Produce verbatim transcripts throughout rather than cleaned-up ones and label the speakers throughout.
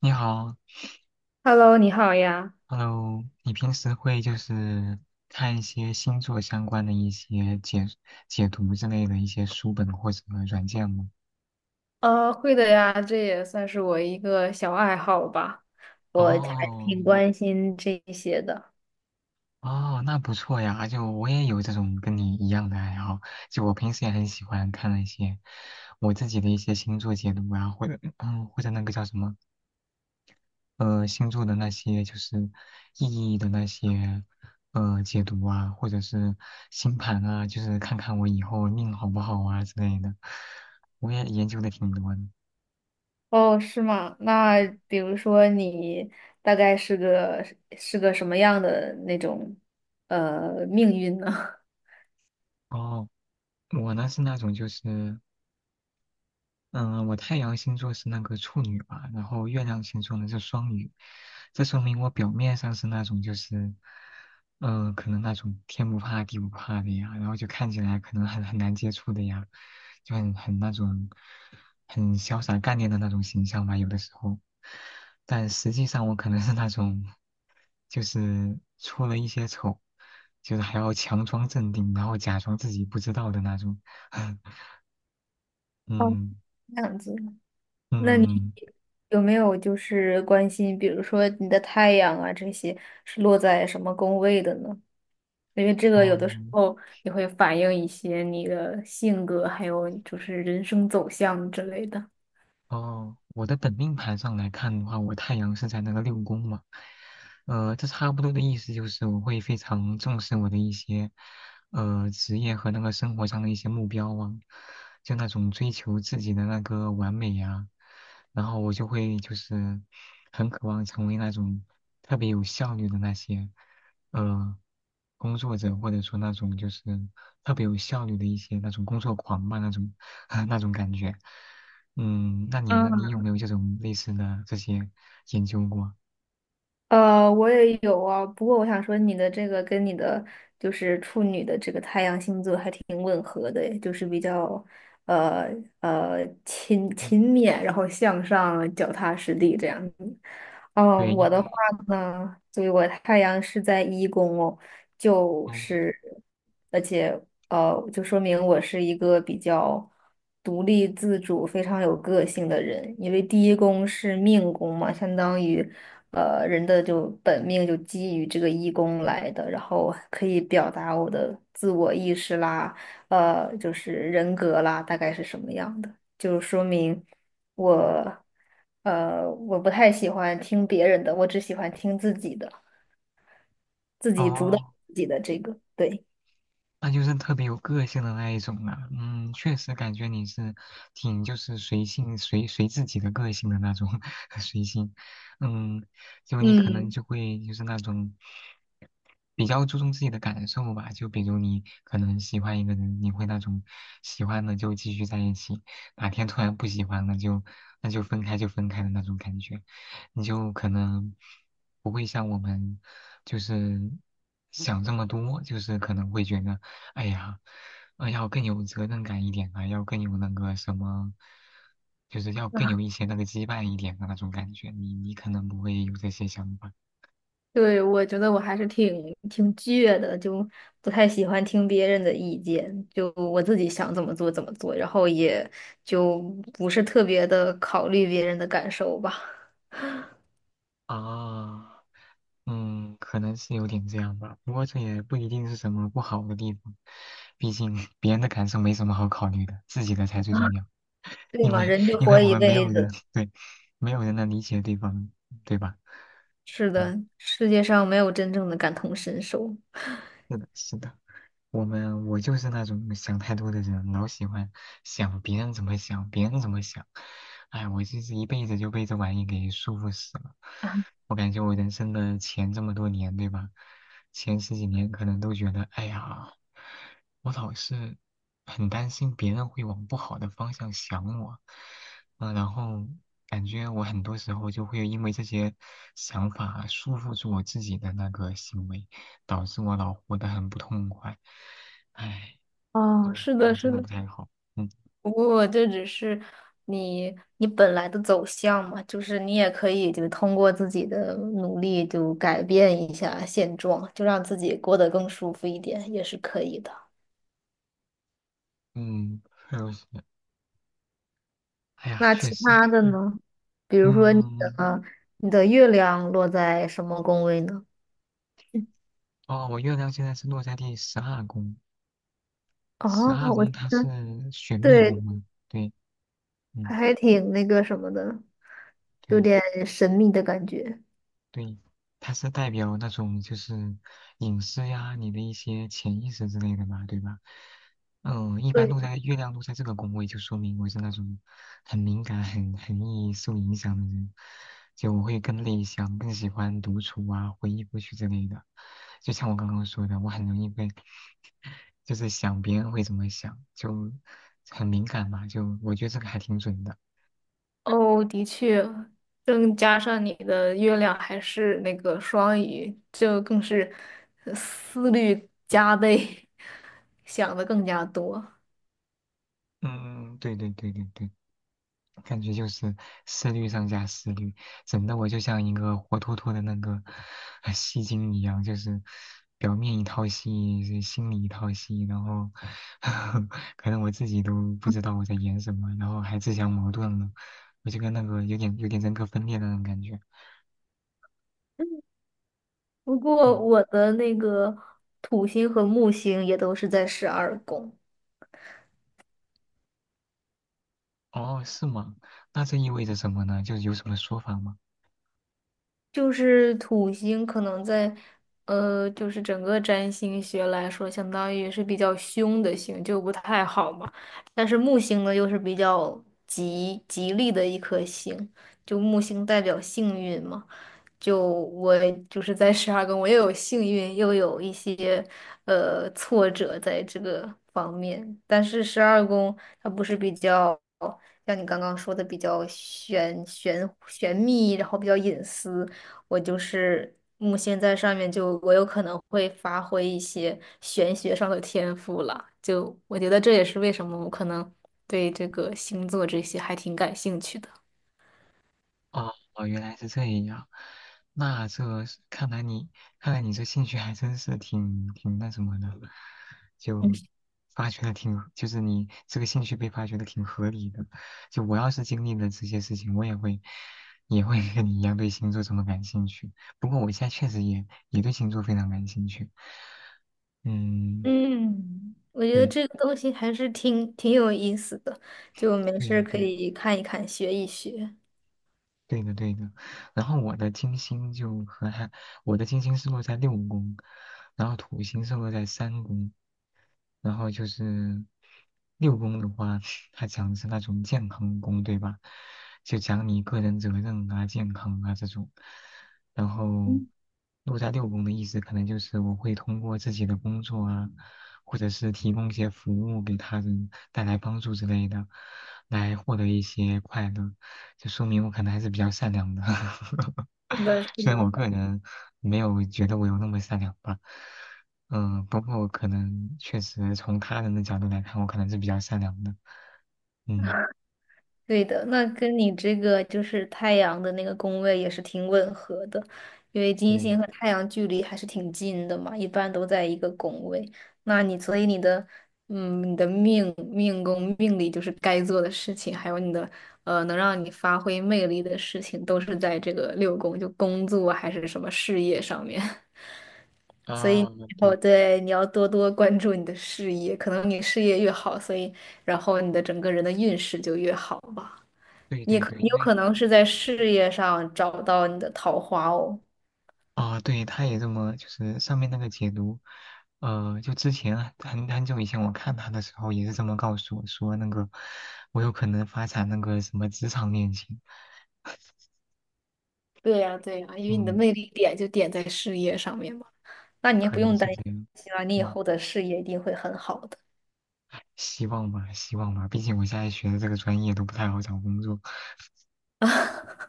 Speaker 1: 你好
Speaker 2: Hello，你好呀。
Speaker 1: ，Hello，你平时会就是看一些星座相关的一些解解读之类的一些书本或者软件吗？
Speaker 2: 呃，会的呀，这也算是我一个小爱好吧。我还
Speaker 1: 哦，
Speaker 2: 挺关心这些的。
Speaker 1: 哦，那不错呀，就我也有这种跟你一样的爱好，就我平时也很喜欢看那些我自己的一些星座解读啊，或者嗯，或者那个叫什么呃星座的那些就是意义的那些呃解读啊，或者是星盘啊，就是看看我以后命好不好啊之类的，我也研究的挺多的。
Speaker 2: 哦，是吗？那比如说你大概是个是个什么样的那种呃命运呢？
Speaker 1: 哦，我呢是那种就是。嗯，我太阳星座是那个处女吧，然后月亮星座呢是双鱼，这说明我表面上是那种就是，嗯，可能那种天不怕地不怕的呀，然后就看起来可能很很难接触的呀，就很很那种很潇洒干练的那种形象吧，有的时候，但实际上我可能是那种，就是出了一些丑，就是还要强装镇定，然后假装自己不知道的那种。嗯
Speaker 2: 哦，
Speaker 1: 嗯。
Speaker 2: 这样子。那你
Speaker 1: 嗯，
Speaker 2: 有没有就是关心，比如说你的太阳啊这些是落在什么宫位的呢？因为这个
Speaker 1: 哦
Speaker 2: 有的时候也会反映一些你的性格，还有就是人生走向之类的。
Speaker 1: 哦，我的本命盘上来看的话，我太阳是在那个六宫嘛。呃，这差不多的意思就是我会非常重视我的一些呃职业和那个生活上的一些目标啊，就那种追求自己的那个完美呀、然后我就会就是很渴望成为那种特别有效率的那些呃工作者，或者说那种就是特别有效率的一些那种工作狂吧，那种 那种感觉。嗯，那你呢？你
Speaker 2: 嗯，
Speaker 1: 有没有这种类似的这些研究过？
Speaker 2: 呃，我也有啊，不过我想说，你的这个跟你的就是处女的这个太阳星座还挺吻合的诶，就是比较呃呃勤
Speaker 1: 嗯，
Speaker 2: 勤勉，然后向上，脚踏实地这样子。
Speaker 1: 对，
Speaker 2: 嗯，
Speaker 1: 因
Speaker 2: 我
Speaker 1: 为
Speaker 2: 的话呢，对，我太阳是在一宫哦，就
Speaker 1: 哦
Speaker 2: 是而且。呃，就说明我是一个比较独立自主、非常有个性的人。因为第一宫是命宫嘛，相当于呃人的就本命就基于这个一宫来的，然后可以表达我的自我意识啦，呃，就是人格啦，大概是什么样的，就说明我呃我不太喜欢听别人的，我只喜欢听自己的，自己主导
Speaker 1: 哦。
Speaker 2: 自己的这个，对。
Speaker 1: 那就是特别有个性的那一种了。嗯，确实感觉你是挺就是随性随随自己的个性的那种 随性。嗯，就你可能
Speaker 2: 嗯，
Speaker 1: 就会就是那种比较注重自己的感受吧。就比如你可能喜欢一个人，你会那种喜欢了就继续在一起，哪天突然不喜欢了就那就分开就分开的那种感觉。你就可能不会像我们就是想这么多，就是可能会觉得。哎呀，呃，要更有责任感一点啊，要更有那个什么，就是要更有一些那个羁绊一点的那种感觉。你你可能不会有这些想法。
Speaker 2: 对，我觉得我还是挺挺倔的，就不太喜欢听别人的意见，就我自己想怎么做怎么做，然后也就不是特别的考虑别人的感受吧，
Speaker 1: 啊，嗯，可能是有点这样吧。不过这也不一定是什么不好的地方，毕竟别人的感受没什么好考虑的，自己的才最重要。
Speaker 2: 对
Speaker 1: 因
Speaker 2: 嘛，
Speaker 1: 为
Speaker 2: 人就
Speaker 1: 因为
Speaker 2: 活
Speaker 1: 我
Speaker 2: 一
Speaker 1: 们没有
Speaker 2: 辈
Speaker 1: 人，
Speaker 2: 子，
Speaker 1: 对，没有人能理解对方，对吧？
Speaker 2: 是
Speaker 1: 嗯，
Speaker 2: 的，世界上没有真正的感同身受。
Speaker 1: 是的，是的。我们我就是那种想太多的人，老喜欢想别人怎么想，别人怎么想。哎，我就是一辈子就被这玩意给束缚死了。我感觉我人生的前这么多年，对吧？前十几年可能都觉得，哎呀，我老是很担心别人会往不好的方向想我，嗯、然后感觉我很多时候就会因为这些想法束缚住我自己的那个行为，导致我老活得很不痛快。哎，
Speaker 2: 哦，
Speaker 1: 就
Speaker 2: 是
Speaker 1: 这
Speaker 2: 的，
Speaker 1: 样真
Speaker 2: 是
Speaker 1: 的
Speaker 2: 的，
Speaker 1: 不太好，嗯
Speaker 2: 不过这只是你你本来的走向嘛，就是你也可以就通过自己的努力就改变一下现状，就让自己过得更舒服一点，也是可以的。
Speaker 1: 嗯，还有是，哎呀，
Speaker 2: 那
Speaker 1: 确
Speaker 2: 其
Speaker 1: 实，
Speaker 2: 他的呢？比如说你
Speaker 1: 嗯，
Speaker 2: 的你的月亮落在什么宫位呢？
Speaker 1: 哦，我月亮现在是落在第十二宫，十
Speaker 2: 哦，
Speaker 1: 二
Speaker 2: 我
Speaker 1: 宫
Speaker 2: 觉
Speaker 1: 它是
Speaker 2: 得
Speaker 1: 选密宫
Speaker 2: 对，
Speaker 1: 吗？对。嗯，
Speaker 2: 还挺那个什么的，有
Speaker 1: 对
Speaker 2: 点神秘的感觉。
Speaker 1: 对，它是代表那种就是隐私呀，你的一些潜意识之类的嘛，对吧？嗯，一般都
Speaker 2: 对。
Speaker 1: 在月亮落在这个宫位，就说明我是那种很敏感、很很易受影响的人，就我会更内向，更喜欢独处啊，回忆过去之类的。就像我刚刚说的，我很容易被，就是想别人会怎么想，就很敏感嘛，就我觉得这个还挺准的。
Speaker 2: 哦，的确，更加上你的月亮还是那个双鱼，就更是呃思虑加倍，想的更加多。
Speaker 1: 嗯，嗯嗯，对对对对对。感觉就是思虑上加思虑，整的我就像一个活脱脱的那个呃戏精一样，就是表面一套戏，心里一套戏，然后 可能我自己都不知道我在演什么，然后还自相矛盾了，我就跟那个有点有点人格分裂的那种感觉。
Speaker 2: 不过
Speaker 1: 嗯，
Speaker 2: 我的那个土星和木星也都是在十二宫。
Speaker 1: 哦，是吗？那这意味着什么呢？就是有什么说法吗？
Speaker 2: 就是土星可能在，呃，就是整个占星学来说，相当于是比较凶的星，就不太好嘛。但是木星呢，又是比较吉吉利的一颗星，就木星代表幸运嘛。就我就是在十二宫，我又有幸运，又有一些呃挫折在这个方面。但是十二宫它不是比较像你刚刚说的比较玄玄玄秘，然后比较隐私。我就是木星在上面就我有可能会发挥一些玄学上的天赋了，就我觉得这也是为什么我可能对这个星座这些还挺感兴趣的。
Speaker 1: 哦，哦原来是这样。那这是看来你看来你这兴趣还真是挺挺那什么的，就发掘的挺，就是你这个兴趣被发掘的挺合理的。就我要是经历了这些事情，我也会也会跟你一样对星座这么感兴趣。不过我现在确实也也对星座非常感兴趣。嗯，
Speaker 2: 嗯，我觉得
Speaker 1: 对，
Speaker 2: 这个东西还是挺挺有意思的，就没
Speaker 1: 对
Speaker 2: 事儿
Speaker 1: 呀、
Speaker 2: 可
Speaker 1: 对呀、
Speaker 2: 以看一看，学一学。
Speaker 1: 对的，对的。然后我的金星就和他，我的金星是落在六宫，然后土星是落在三宫，然后就是六宫的话，它讲的是那种健康宫，对吧？就讲你个人责任啊、健康啊这种。然后
Speaker 2: 嗯，
Speaker 1: 落在六宫的意思，可能就是我会通过自己的工作啊，或者是提供一些服务给他人，带来帮助之类的，来获得一些快乐。这说明我可能还是比较善良的。
Speaker 2: 是的，是
Speaker 1: 虽然我
Speaker 2: 的。
Speaker 1: 个人没有觉得我有那么善良吧，嗯，不过我可能确实从他人的角度来看，我可能是比较善良的，嗯，
Speaker 2: 对的，那跟你这个就是太阳的那个宫位也是挺吻合的，因为金
Speaker 1: 对，
Speaker 2: 星和太阳距离还是挺近的嘛，一般都在一个宫位。那你所以你的，嗯，你的命命宫命里就是该做的事情，还有你的呃能让你发挥魅力的事情，都是在这个六宫，就工作还是什么事业上面。所以
Speaker 1: 啊，
Speaker 2: 以后
Speaker 1: 对，
Speaker 2: 对你要多多关注你的事业，可能你事业越好，所以然后你的整个人的运势就越好吧。
Speaker 1: 对
Speaker 2: 你
Speaker 1: 对
Speaker 2: 可
Speaker 1: 对，
Speaker 2: 你
Speaker 1: 因
Speaker 2: 有
Speaker 1: 为
Speaker 2: 可能是在事业上找到你的桃花哦，
Speaker 1: 啊，对，他也这么，就是上面那个解读，呃，就之前啊很很久以前我看他的时候也是这么告诉我说，那个我有可能发展那个什么职场恋情，
Speaker 2: 对呀，对呀，因为你的
Speaker 1: 嗯，
Speaker 2: 魅力点就点在事业上面嘛。那你也
Speaker 1: 可
Speaker 2: 不
Speaker 1: 能
Speaker 2: 用
Speaker 1: 是
Speaker 2: 担
Speaker 1: 这样，
Speaker 2: 心了，你以
Speaker 1: 嗯。
Speaker 2: 后的事业一定会很好的。
Speaker 1: 希望吧，希望吧，毕竟我现在学的这个专业都不太好找工作，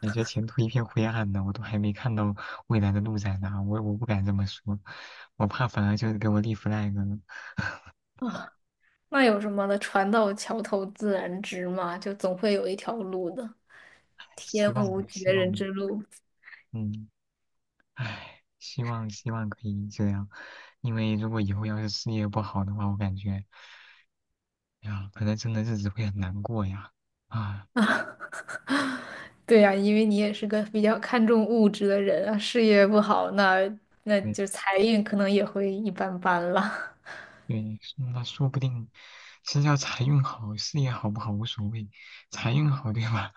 Speaker 1: 感觉 前途一片灰暗呢。我都还没看到未来的路在哪，我我不敢这么说，我怕反而就是给我立 flag 了。
Speaker 2: 啊，那有什么的？船到桥头自然直嘛，就总会有一条路的。天
Speaker 1: 希望吧，
Speaker 2: 无绝
Speaker 1: 希望
Speaker 2: 人
Speaker 1: 吧，
Speaker 2: 之路，
Speaker 1: 嗯，唉，希望希望可以这样，因为如果以后要是事业不好的话，我感觉，哎呀，可能真的日子会很难过呀，啊，
Speaker 2: 啊，对呀，因为你也是个比较看重物质的人啊，事业不好，那那
Speaker 1: 嗯。
Speaker 2: 就财运可能也会一般般了。
Speaker 1: 对，那说不定是要财运好，事业好不好无所谓，财运好对吧？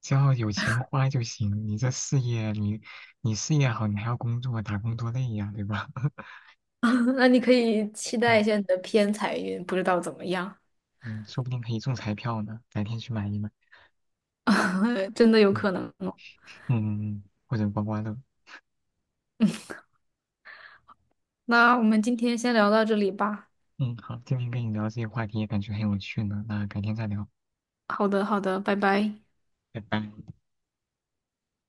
Speaker 1: 只要有钱花就行。你这事业，你你事业好，你还要工作，打工多累呀，对吧？
Speaker 2: 那你可以期待
Speaker 1: 嗯
Speaker 2: 一下你的偏财运，不知道怎么样，
Speaker 1: 嗯，说不定可以中彩票呢，改天去买一买。
Speaker 2: 真的有
Speaker 1: 嗯
Speaker 2: 可能哦。
Speaker 1: 嗯，或者刮刮乐。
Speaker 2: 那我们今天先聊到这里吧。
Speaker 1: 嗯，好，今天跟你聊这些话题也感觉很有趣呢，那改天再聊，
Speaker 2: 好的，好的，拜拜。
Speaker 1: 拜拜。